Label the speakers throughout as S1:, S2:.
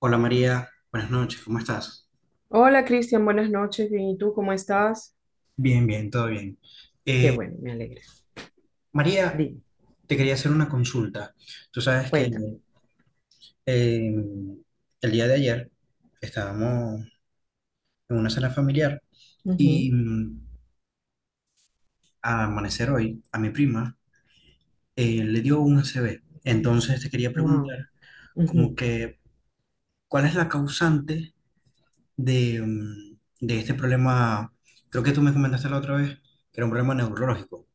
S1: Hola María, buenas noches, ¿cómo estás?
S2: Hola Cristian, buenas noches, bien, ¿y tú cómo estás?
S1: Bien, bien, todo bien.
S2: Qué
S1: Eh,
S2: bueno, me alegra.
S1: María,
S2: Dime,
S1: te quería hacer una consulta. Tú sabes que
S2: cuéntame.
S1: eh, el día de ayer estábamos en una cena familiar y al amanecer hoy a mi prima le dio un ACV. Entonces te quería
S2: Wow.
S1: preguntar como que, ¿cuál es la causante de, de este problema? Creo que tú me comentaste la otra vez que era un problema neurológico.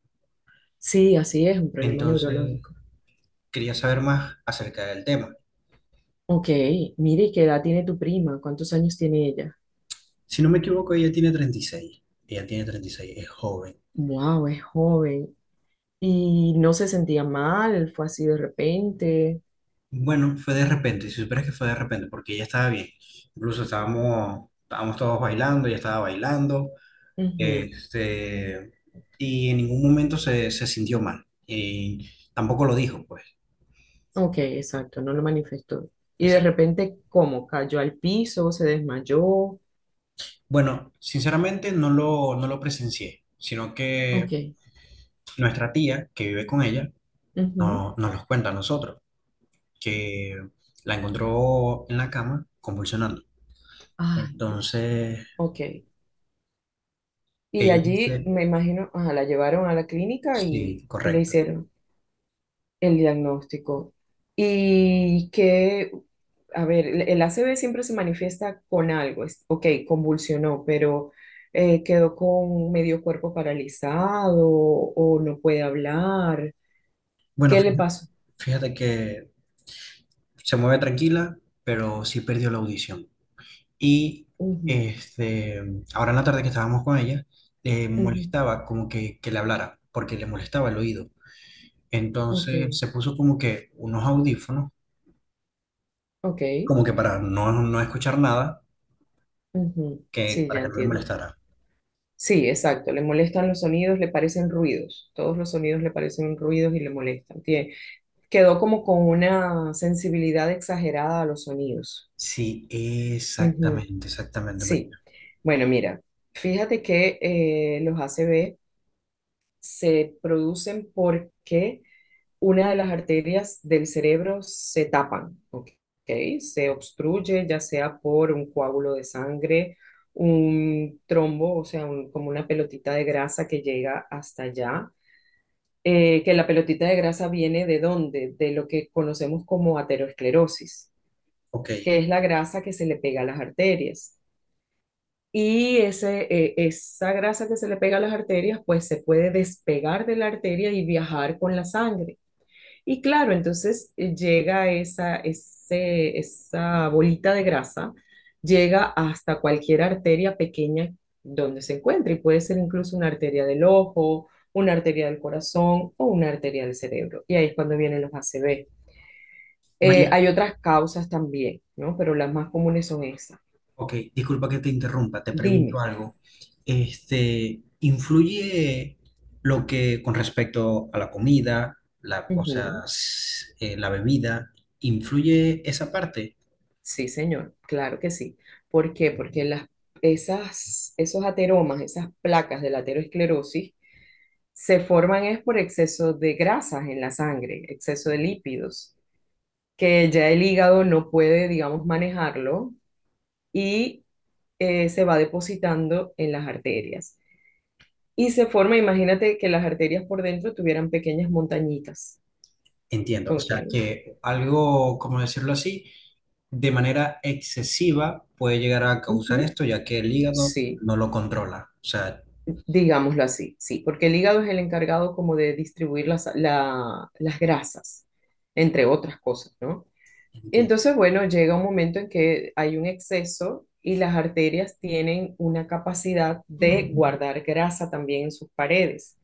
S2: Sí, así es, un problema
S1: Entonces,
S2: neurológico.
S1: quería saber más acerca del tema.
S2: Ok, mire, ¿qué edad tiene tu prima? ¿Cuántos años tiene ella?
S1: Si no me equivoco, ella tiene 36. Ella tiene 36, es joven.
S2: Wow, es joven. Y no se sentía mal, fue así de repente.
S1: Bueno, fue de repente, si supieras que fue de repente, porque ella estaba bien. Incluso estábamos todos bailando, ella estaba bailando,
S2: Ujú.
S1: este, y en ningún momento se sintió mal. Y tampoco lo dijo, pues.
S2: Ok, exacto, no lo manifestó. Y de
S1: Exacto.
S2: repente, ¿cómo? ¿Cayó al piso, se desmayó?
S1: Bueno, sinceramente no lo presencié, sino que
S2: Ok.
S1: nuestra tía que vive con ella
S2: Ujú.
S1: no nos los cuenta a nosotros, que la encontró en la cama convulsionando.
S2: Ay, Dios.
S1: Entonces,
S2: Ok. Y
S1: ella
S2: allí,
S1: dice,
S2: me imagino, ajá, la llevaron a la clínica y,
S1: sí,
S2: le
S1: correcto.
S2: hicieron el diagnóstico. Y que, a ver, el A C V siempre se manifiesta con algo. Es, ok, convulsionó, pero quedó con medio cuerpo paralizado o no puede hablar.
S1: Bueno,
S2: ¿Qué le pasó?
S1: fíjate que se mueve tranquila, pero sí perdió la audición. Y
S2: Ujú,
S1: este, ahora en la tarde que estábamos con ella, le
S2: ujú.
S1: molestaba como que le hablara, porque le molestaba el oído.
S2: Ok,
S1: Entonces se puso como que unos audífonos,
S2: ok.
S1: como que para no escuchar nada,
S2: Ujú,
S1: que
S2: sí,
S1: para
S2: ya
S1: que no le
S2: entiendo.
S1: molestara.
S2: Sí, exacto. Le molestan los sonidos, le parecen ruidos. Todos los sonidos le parecen ruidos y le molestan. Tie- quedó como con una sensibilidad exagerada a los sonidos.
S1: Sí,
S2: Ujú,
S1: exactamente, exactamente.
S2: sí. Bueno, mira, fíjate que los ACV se producen porque una de las arterias del cerebro se tapan, ¿ok? Se obstruye, ya sea por un coágulo de sangre, un trombo, o sea, un- como una pelotita de grasa que llega hasta allá. ¿Que la pelotita de grasa viene de dónde? De lo que conocemos como aterosclerosis,
S1: Ok,
S2: que es la grasa que se le pega a las arterias. Y ese, esa grasa que se le pega a las arterias, pues se puede despegar de la arteria y viajar con la sangre. Y claro, entonces llega esa, ese, esa bolita de grasa, llega hasta cualquier arteria pequeña donde se encuentre, y puede ser incluso una arteria del ojo, una arteria del corazón o una arteria del cerebro. Y ahí es cuando vienen los ACV.
S1: María,
S2: Hay otras causas también, ¿no? Pero las más comunes son esas.
S1: ok, disculpa que te interrumpa, te pregunto
S2: Dime.
S1: algo. ¿Influye lo que con respecto a la comida, la, o sea,
S2: Ujú.
S1: s- la bebida, influye esa parte?
S2: Sí, señor, claro que sí. ¿Por qué? Porque esas, esos ateromas, esas placas de la aterosclerosis, se forman es por exceso de grasas en la sangre, exceso de lípidos, que ya el hígado no puede, digamos, manejarlo y se va depositando en las arterias. Y se forma, imagínate que las arterias por dentro tuvieran pequeñas montañitas.
S1: Entiendo, o sea,
S2: Ok.
S1: que algo, como decirlo así, de manera excesiva puede llegar a causar
S2: Ujú.
S1: esto, ya que el hígado
S2: Sí.
S1: no lo controla. O sea,
S2: Digámoslo así, sí, porque el hígado es el encargado como de distribuir la- las grasas, entre otras cosas, ¿no? Y
S1: entiendo,
S2: entonces, bueno, llega un momento en que hay un exceso y las arterias tienen una capacidad de guardar grasa también en sus paredes.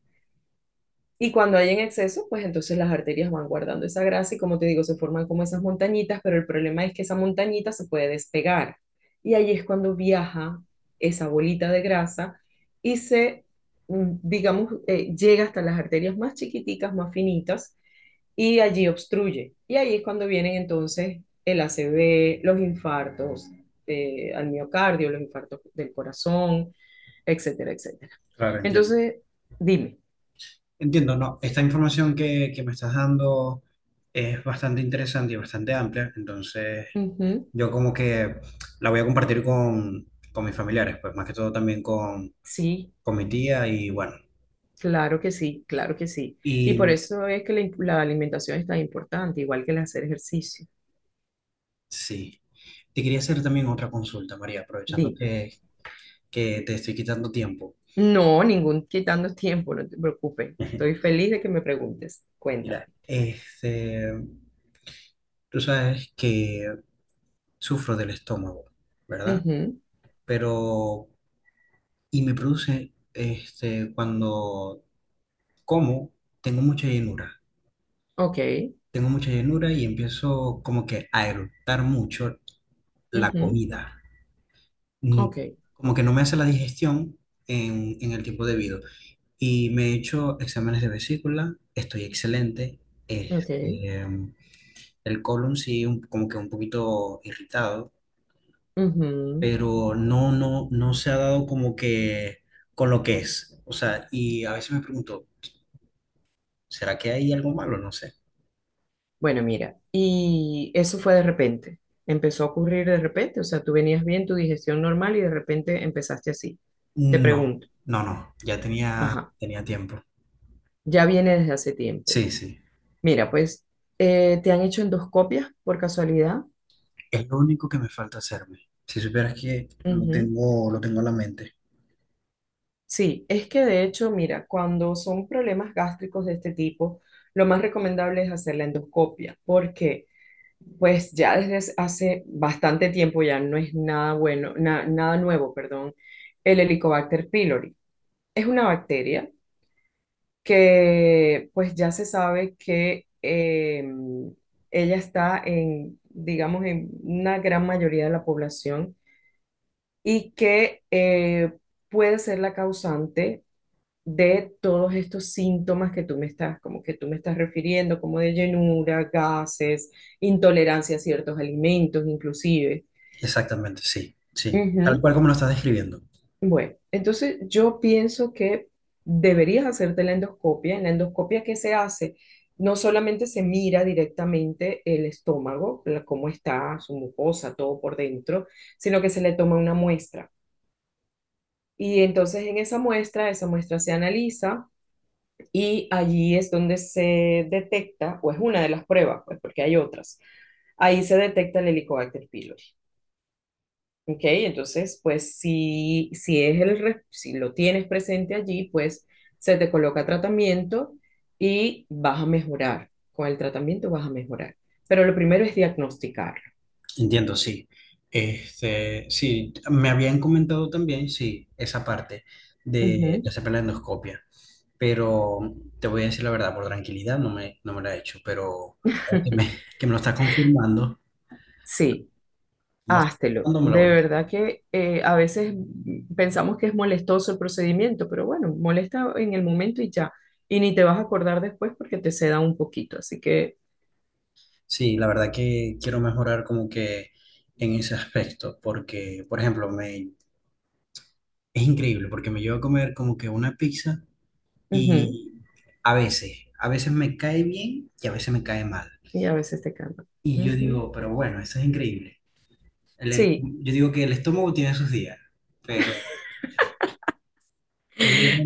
S2: Y cuando hay en exceso, pues entonces las arterias van guardando esa grasa y como te digo, se forman como esas montañitas, pero el problema es que esa montañita se puede despegar. Y ahí es cuando viaja esa bolita de grasa y digamos, llega hasta las arterias más chiquiticas, más finitas, y allí obstruye. Y ahí es cuando vienen entonces el ACV, los infartos al miocardio, los infartos del corazón, etcétera, etcétera.
S1: claro, entiendo.
S2: Entonces, dime.
S1: Entiendo, no, esta información que me estás dando es bastante interesante y bastante amplia, entonces
S2: Ujú,
S1: yo como que la voy a compartir con mis familiares, pues más que todo también
S2: sí.
S1: con mi tía y bueno,
S2: Claro que sí, claro que sí. Y por
S1: y
S2: eso es que la, imp- la alimentación es tan importante, igual que el hacer ejercicio.
S1: sí, te quería hacer también otra consulta, María, aprovechando
S2: Di,
S1: que te estoy quitando tiempo.
S2: no, ningún quitando tiempo, no te preocupes. Estoy feliz de que me preguntes. Cuéntame.
S1: Mira, tú sabes que sufro del estómago, ¿verdad?
S2: Ujú,
S1: Pero, y me produce, cuando como tengo mucha llenura,
S2: ok,
S1: tengo mucha llenura y empiezo como que a eructar mucho la
S2: ujú,
S1: comida. Mm,
S2: ok,
S1: Como que no me hace la digestión en el tiempo debido. Y me he hecho exámenes de vesícula, estoy excelente.
S2: ok.
S1: Este, el colon sí, como que un poquito irritado,
S2: Ujú.
S1: pero no se ha dado como que con lo que es. O sea, y a veces me pregunto, ¿será que hay algo malo? No sé.
S2: Bueno, mira, ¿y eso fue de repente? Empezó a ocurrir de repente, o sea, tú venías bien, tu digestión normal y de repente empezaste así. Te
S1: No,
S2: pregunto,
S1: no, ya tenía,
S2: ajá,
S1: tenía tiempo.
S2: ya viene desde hace tiempo.
S1: Sí, sí,
S2: Mira, pues ¿te han hecho endoscopias por casualidad?
S1: es lo único que me falta hacerme. Si supieras que
S2: Ujú.
S1: lo tengo en la mente.
S2: Sí, es que de hecho, mira, cuando son problemas gástricos de este tipo, lo más recomendable es hacer la endoscopia, porque pues ya desde hace bastante tiempo ya no es nada bueno, na- nada nuevo, perdón, el Helicobacter pylori. Es una bacteria que pues ya se sabe que ella está en, digamos, en una gran mayoría de la población y que puede ser la causante de todos estos síntomas que tú me estás, como que tú me estás refiriendo, como de llenura, gases, intolerancia a ciertos alimentos, inclusive.
S1: Exactamente, sí, sí, tal
S2: Ujú.
S1: cual como lo estás describiendo.
S2: Bueno, entonces yo pienso que deberías hacerte la endoscopia. En la endoscopia que se hace, no solamente se mira directamente el estómago, la- cómo está su mucosa, todo por dentro, sino que se le toma una muestra. Y entonces en esa muestra se analiza y allí es donde se detecta, o es una de las pruebas, pues porque hay otras, ahí se detecta el Helicobacter pylori. ¿Ok? Entonces, pues si, si, es el, re- si lo tienes presente allí, pues se te coloca tratamiento y vas a mejorar. Con el tratamiento vas a mejorar. Pero lo primero es diagnosticarlo.
S1: Entiendo, sí. Sí, me habían comentado también, sí, esa parte
S2: Ujú.
S1: de hacerme la endoscopia, pero te voy a decir la verdad, por tranquilidad no me la he hecho, pero ahora que me lo estás confirmando,
S2: Sí.
S1: me lo estás
S2: Háztelo.
S1: confirmando, me lo
S2: De
S1: voy.
S2: verdad que a veces pensamos que es molestoso el procedimiento, pero bueno, molesta en el momento y ya. Y ni te vas a acordar después porque te seda un poquito. Así que,
S1: Sí, la verdad que quiero mejorar como que en ese aspecto, porque, por ejemplo, me, es increíble, porque me llevo a comer como que una pizza
S2: ujú,
S1: y a veces me cae bien y a veces me cae mal.
S2: y a veces te calma.
S1: Y yo
S2: Ujú.
S1: digo, pero bueno, esto es increíble.
S2: Sí,
S1: Yo digo que el estómago tiene sus días, pero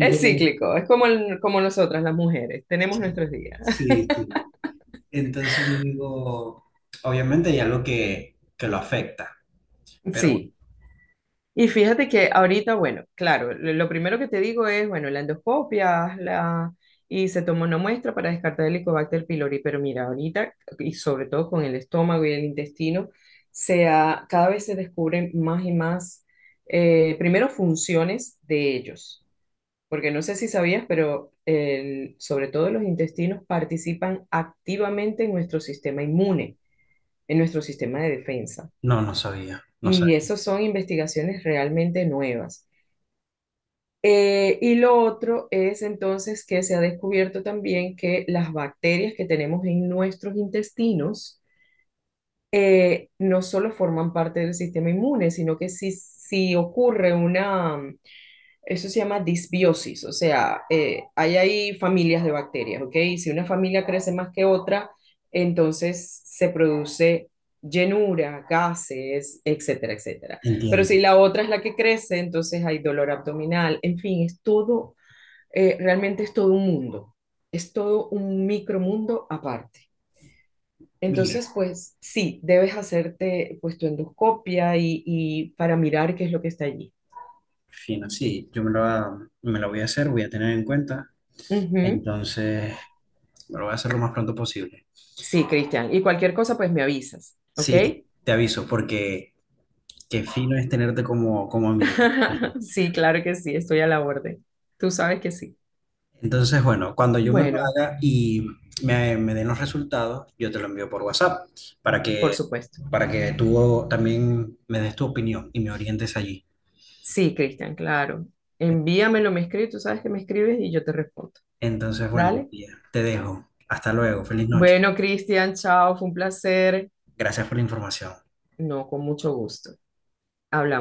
S2: es cíclico, es como, el- como nosotras las mujeres, tenemos nuestros días.
S1: sí, sí. Entonces yo digo, obviamente hay algo que lo afecta, pero
S2: Sí. Y fíjate que ahorita, bueno, claro, lo primero que te digo es, bueno, la endoscopia, haz la... y se tomó una muestra para descartar el Helicobacter pylori, pero mira, ahorita, y sobre todo con el estómago y el intestino, se ha- cada vez se descubren más y más, primero, funciones de ellos, porque no sé si sabías, pero el- sobre todo los intestinos participan activamente en nuestro sistema inmune, en nuestro sistema de defensa.
S1: no, no sabía, no
S2: Y
S1: sabía.
S2: esas son investigaciones realmente nuevas. Y lo otro es entonces que se ha descubierto también que las bacterias que tenemos en nuestros intestinos no solo forman parte del sistema inmune, sino que si, si ocurre una, eso se llama disbiosis, o sea, hay ahí familias de bacterias, ¿ok? Y si una familia crece más que otra, entonces se produce llenura, gases, etcétera, etcétera. Pero
S1: Entiendo.
S2: si la otra es la que crece, entonces hay dolor abdominal, en fin, es todo realmente es todo un mundo, es todo un micromundo aparte.
S1: Mira.
S2: Entonces, pues sí, debes hacerte pues tu endoscopia y para mirar qué es lo que está allí.
S1: Fino, sí, yo me lo, va- me lo voy a hacer, voy a tener en cuenta,
S2: Ujú.
S1: entonces me lo voy a hacer lo más pronto posible.
S2: Sí, Cristian. Y cualquier cosa, pues me avisas, ¿ok?
S1: Sí, te aviso, porque qué fino es tenerte como, como amiga.
S2: Sí, claro que sí, estoy a la orden. Tú sabes que sí.
S1: Entonces, bueno, cuando yo me lo
S2: Bueno,
S1: haga y me den los resultados, yo te lo envío por WhatsApp para
S2: por
S1: que,
S2: supuesto.
S1: para que tú también me des tu opinión y me orientes allí.
S2: Sí, Cristian, claro. Envíamelo, me escribes, tú sabes que me escribes y yo te respondo.
S1: Entonces, bueno,
S2: Dale.
S1: tía, te dejo. Hasta luego, feliz noche.
S2: Bueno, Cristian, chao, fue un placer.
S1: Gracias por la información.
S2: No, con mucho gusto. Hablamos.